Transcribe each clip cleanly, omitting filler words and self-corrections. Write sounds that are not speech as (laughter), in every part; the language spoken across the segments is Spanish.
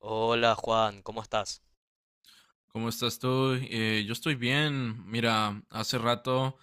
Hola, Juan, ¿cómo estás? ¿Cómo estás tú? Yo estoy bien. Mira, hace rato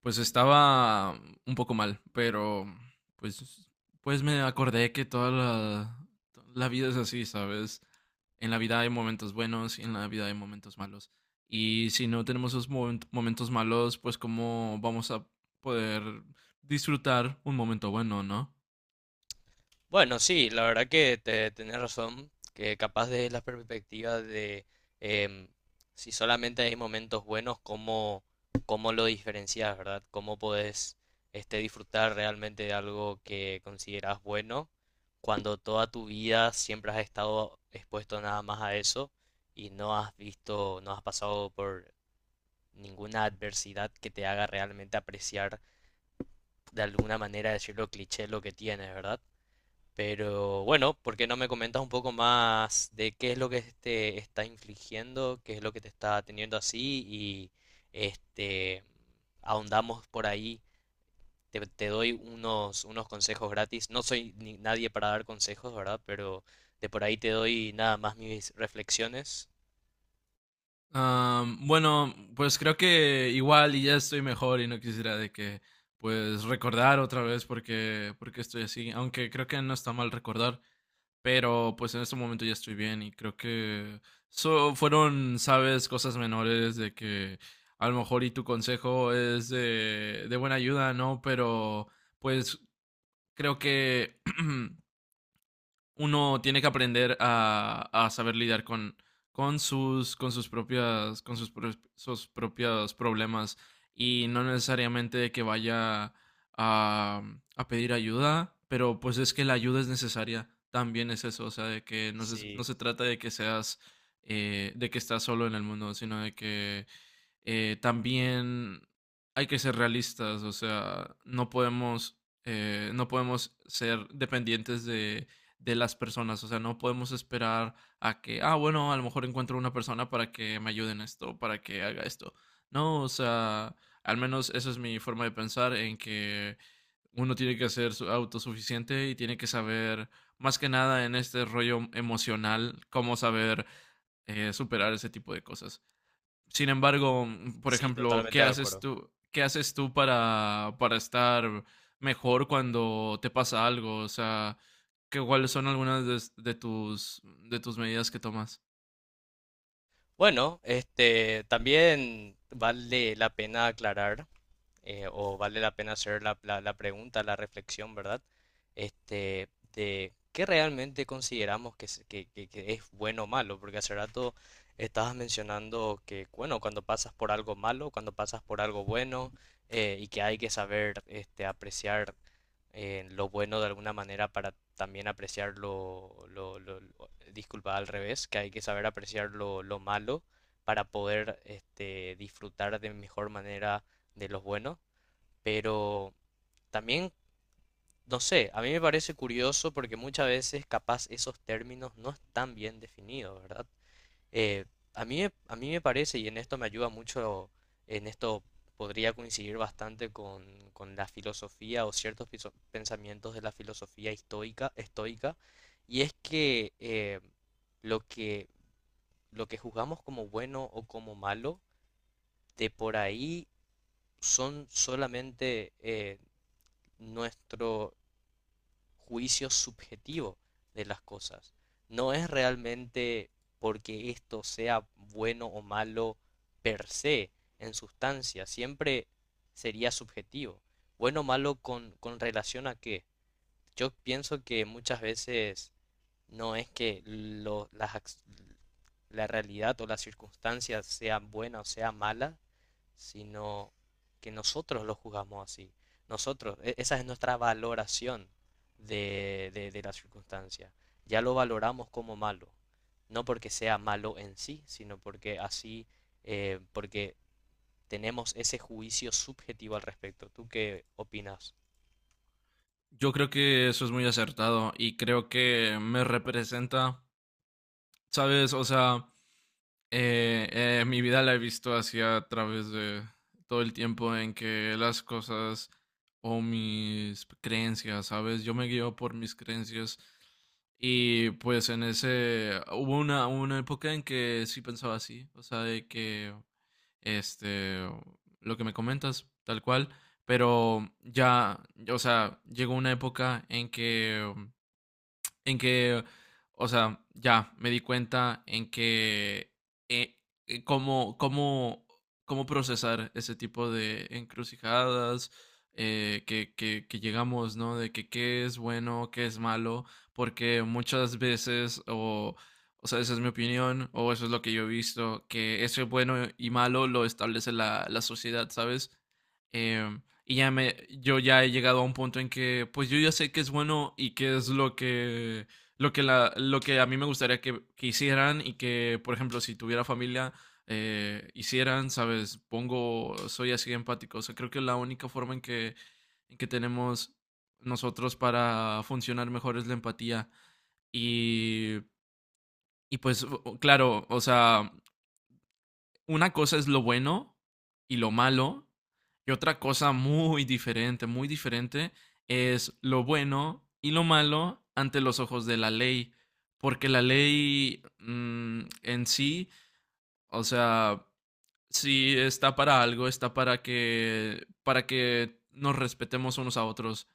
pues estaba un poco mal, pero pues pues me acordé que la vida es así, ¿sabes? En la vida hay momentos buenos y en la vida hay momentos malos. Y si no tenemos momentos malos, pues cómo vamos a poder disfrutar un momento bueno, ¿no? Bueno, sí, la verdad que tenés razón, que capaz de la perspectiva de em, si solamente hay momentos buenos, ¿cómo, cómo lo diferencias, verdad? ¿Cómo podés disfrutar realmente de algo que consideras bueno cuando toda tu vida siempre has estado expuesto nada más a eso y no has visto, no has pasado por ninguna adversidad que te haga realmente apreciar, de alguna manera, decirlo cliché, lo que tienes, ¿verdad? Pero bueno, ¿por qué no me comentas un poco más de qué es lo que te está infligiendo, qué es lo que te está teniendo así? Y este ahondamos por ahí. Te doy unos consejos gratis. No soy ni nadie para dar consejos, ¿verdad? Pero de por ahí te doy nada más mis reflexiones. Bueno, pues creo que igual y ya estoy mejor y no quisiera de que pues recordar otra vez porque estoy así, aunque creo que no está mal recordar, pero pues en este momento ya estoy bien y creo que fueron, sabes, cosas menores de que a lo mejor y tu consejo es de buena ayuda, ¿no? Pero pues creo que (clears throat) uno tiene que aprender a saber lidiar con sus propias, con sus, pro- sus propios problemas y no necesariamente de que vaya a, a pedir ayuda, pero pues es que la ayuda es necesaria, también es eso, o sea, de que no Sí, se trata de que seas, de que estás solo en el mundo, sino de que también hay que ser realistas, o sea, no podemos, no podemos ser dependientes de las personas, o sea, no podemos esperar a que, bueno, a lo mejor encuentro una persona para que me ayude en esto, para que haga esto. No, o sea, al menos esa es mi forma de pensar en que uno tiene que ser autosuficiente y tiene que saber, más que nada en este rollo emocional, cómo saber superar ese tipo de cosas. Sin embargo, por sí, ejemplo, totalmente de acuerdo. ¿Qué haces tú para estar mejor cuando te pasa algo? O sea, ¿cuáles son algunas de, de tus medidas que tomas? Bueno, este también vale la pena aclarar. O vale la pena hacer la pregunta, la reflexión, ¿verdad? Este, de qué realmente consideramos que, que es bueno o malo, porque hace rato estabas mencionando que, bueno, cuando pasas por algo malo, cuando pasas por algo bueno, y que hay que saber apreciar, lo bueno, de alguna manera, para también apreciar disculpa, al revés, que hay que saber apreciar lo malo para poder disfrutar de mejor manera de los buenos, pero también, no sé, a mí me parece curioso porque muchas veces capaz esos términos no están bien definidos, ¿verdad? Eh, a mí, a mí me parece, y en esto me ayuda mucho, en esto podría coincidir bastante con la filosofía o ciertos pensamientos de la filosofía estoica, y es que lo que, lo que juzgamos como bueno o como malo, de por ahí son solamente nuestro juicio subjetivo de las cosas. No es realmente porque esto sea bueno o malo per se, en sustancia, siempre sería subjetivo. Bueno o malo con relación a qué. Yo pienso que muchas veces no es que la realidad o las circunstancias sean buenas o sean malas, sino que nosotros lo juzgamos así. Nosotros, esa es nuestra valoración de la circunstancia. Ya lo valoramos como malo, no porque sea malo en sí, sino porque así, porque tenemos ese juicio subjetivo al respecto. ¿Tú qué opinas? Yo creo que eso es muy acertado y creo que me representa, ¿sabes? O sea, mi vida la he visto así a través de todo el tiempo en que las cosas o mis creencias, ¿sabes? Yo me guío por mis creencias y pues en ese hubo una época en que sí pensaba así, o sea, de que este, lo que me comentas, tal cual, pero ya, o sea, llegó una época en que en que, o sea, ya me di cuenta en que eh, eh, cómo, cómo, cómo procesar ese tipo de encrucijadas que llegamos, ¿no? De que qué es bueno, qué es malo, porque muchas veces, o sea, esa es mi opinión, o eso es lo que yo he visto, que eso es bueno y malo lo establece la sociedad, ¿sabes? Em, y ya me, yo ya he llegado a un punto en que, pues yo ya sé qué es bueno y qué es lo que, lo que a mí me gustaría que hicieran y que, por ejemplo, si tuviera familia, hicieran, ¿sabes? Pongo, soy así empático. O sea, creo que la única forma en que tenemos nosotros para funcionar mejor es la empatía. Y, y pues, claro, o sea, una cosa es lo bueno y lo malo, y otra cosa muy diferente, es lo bueno y lo malo ante los ojos de la ley, porque la ley en sí, o sea, sí está para algo, está para para que nos respetemos unos a otros,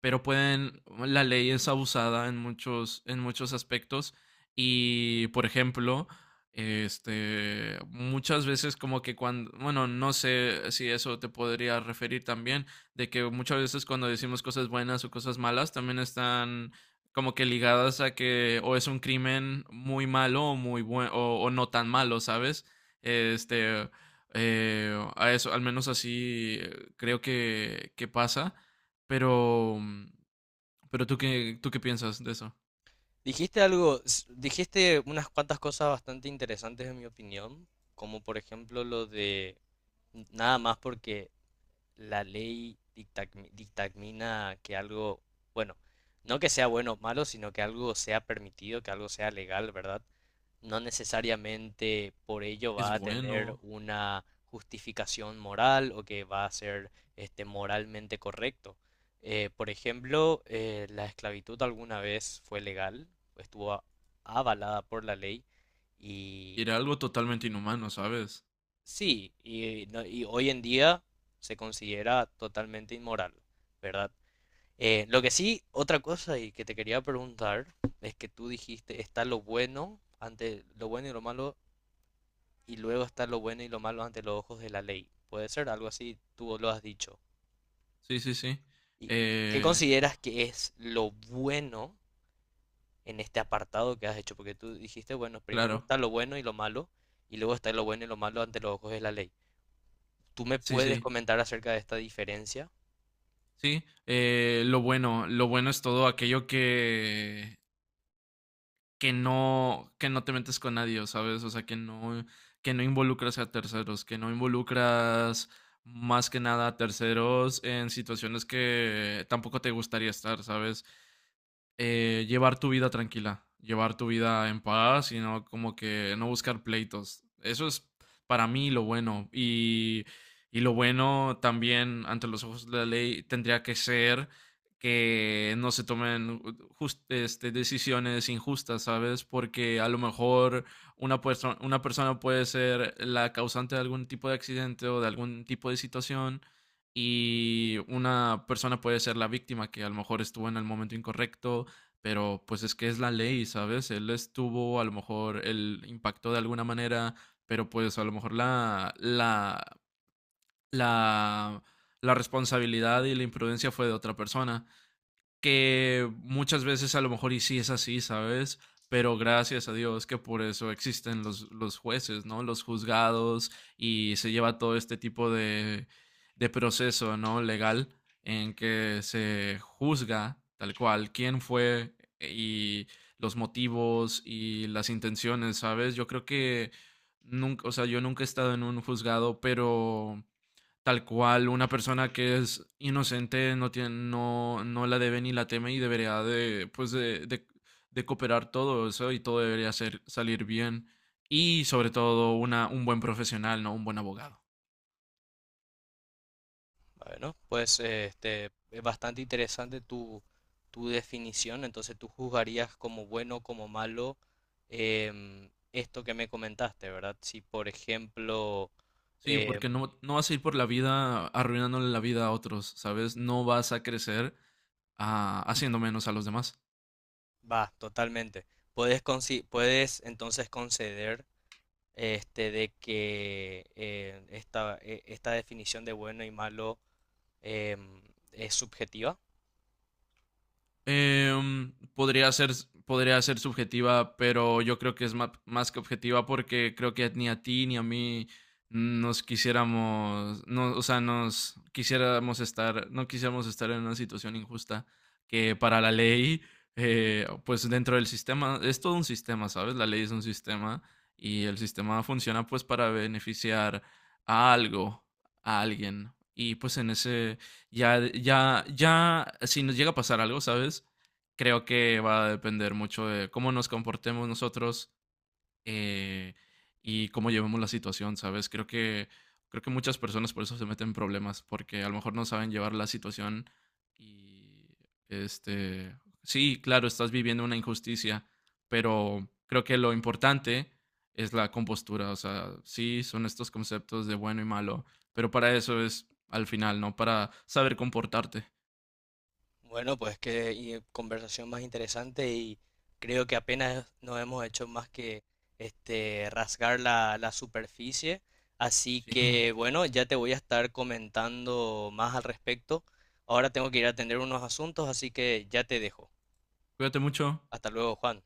pero pueden, la ley es abusada en muchos aspectos y, por ejemplo, muchas veces como que cuando, bueno, no sé si eso te podría referir también, de que muchas veces cuando decimos cosas buenas o cosas malas también están como que ligadas a que o es un crimen muy malo o muy bueno o no tan malo, ¿sabes? Este, a eso, al menos así creo que pasa. Pero, pero ¿tú qué piensas de eso? Dijiste algo, dijiste unas cuantas cosas bastante interesantes en mi opinión, como por ejemplo lo de nada más porque la ley dictamina que algo, bueno, no que sea bueno o malo, sino que algo sea permitido, que algo sea legal, ¿verdad? No necesariamente por ello Es va a tener bueno. una justificación moral o que va a ser moralmente correcto. Por ejemplo, la esclavitud alguna vez fue legal, estuvo a- avalada por la ley. Y Y era algo totalmente inhumano, ¿sabes? sí, y, no- y hoy en día se considera totalmente inmoral, ¿verdad? Lo que sí, otra cosa y que te quería preguntar es que tú dijiste está lo bueno ante lo bueno y lo malo y luego está lo bueno y lo malo ante los ojos de la ley. Puede ser algo así, tú lo has dicho. Sí. ¿Y qué Eh, consideras que es lo bueno en este apartado que has hecho? Porque tú dijiste, bueno, primero claro. está lo bueno y lo malo y luego está lo bueno y lo malo ante los ojos de la ley. ¿Tú me puedes Sí. comentar acerca de esta diferencia? Sí. Lo bueno es todo aquello que no te metes con nadie, ¿sabes? O sea, que no involucras a terceros, que no involucras más que nada a terceros en situaciones que tampoco te gustaría estar, ¿sabes? Llevar tu vida tranquila, llevar tu vida en paz y no como que no buscar pleitos. Eso es para mí lo bueno. Y lo bueno también ante los ojos de la ley tendría que ser que no se tomen decisiones injustas, ¿sabes? Porque a lo mejor una persona puede ser la causante de algún tipo de accidente o de algún tipo de situación y una persona puede ser la víctima que a lo mejor estuvo en el momento incorrecto pero pues es que es la ley, ¿sabes? Él estuvo, a lo mejor él impactó de alguna manera, pero pues a lo mejor la, la responsabilidad y la imprudencia fue de otra persona que muchas veces a lo mejor y sí es así, ¿sabes? Pero gracias a Dios que por eso existen los jueces, ¿no? Los juzgados y se lleva todo este tipo de proceso, ¿no? Legal en que se juzga tal cual quién fue y los motivos y las intenciones, ¿sabes? Yo creo que nunca, o sea, yo nunca he estado en un juzgado, pero tal cual una persona que es inocente no tiene, no la debe ni la teme y debería de, pues de cooperar todo eso y todo debería ser, salir bien. Y sobre todo un buen profesional, ¿no? Un buen abogado. Bueno, pues es bastante interesante tu, tu definición. Entonces, tú juzgarías como bueno, como malo esto que me comentaste, ¿verdad? Si, por ejemplo, Sí, em, porque no, no vas a ir por la vida arruinándole la vida a otros, ¿sabes? No vas a crecer haciendo menos a los demás. va, totalmente. Puedes, puedes entonces conceder de que esta, esta definición de bueno y malo em, es subjetiva. Em, podría ser, podría ser subjetiva, pero yo creo que es más, que objetiva porque creo que ni a ti ni a mí nos quisiéramos, no, o sea, nos quisiéramos estar, no quisiéramos estar en una situación injusta que para la ley, pues dentro del sistema, es todo un sistema, ¿sabes? La ley es un sistema y el sistema funciona pues para beneficiar a algo, a alguien. Y pues en ese, ya, si nos llega a pasar algo, ¿sabes? Creo que va a depender mucho de cómo nos comportemos nosotros, eh, y cómo llevamos la situación, ¿sabes? Creo que muchas personas por eso se meten en problemas, porque a lo mejor no saben llevar la situación y, este, sí, claro, estás viviendo una injusticia, pero creo que lo importante es la compostura, o sea, sí, son estos conceptos de bueno y malo, pero para eso es al final, ¿no? Para saber comportarte. Bueno, pues conversación más interesante y creo que apenas nos hemos hecho más que rasgar la, la superficie. Así Sí. que bueno, ya te voy a estar comentando más al respecto. Ahora tengo que ir a atender unos asuntos, así que ya te dejo. Cuídate mucho. Hasta luego, Juan.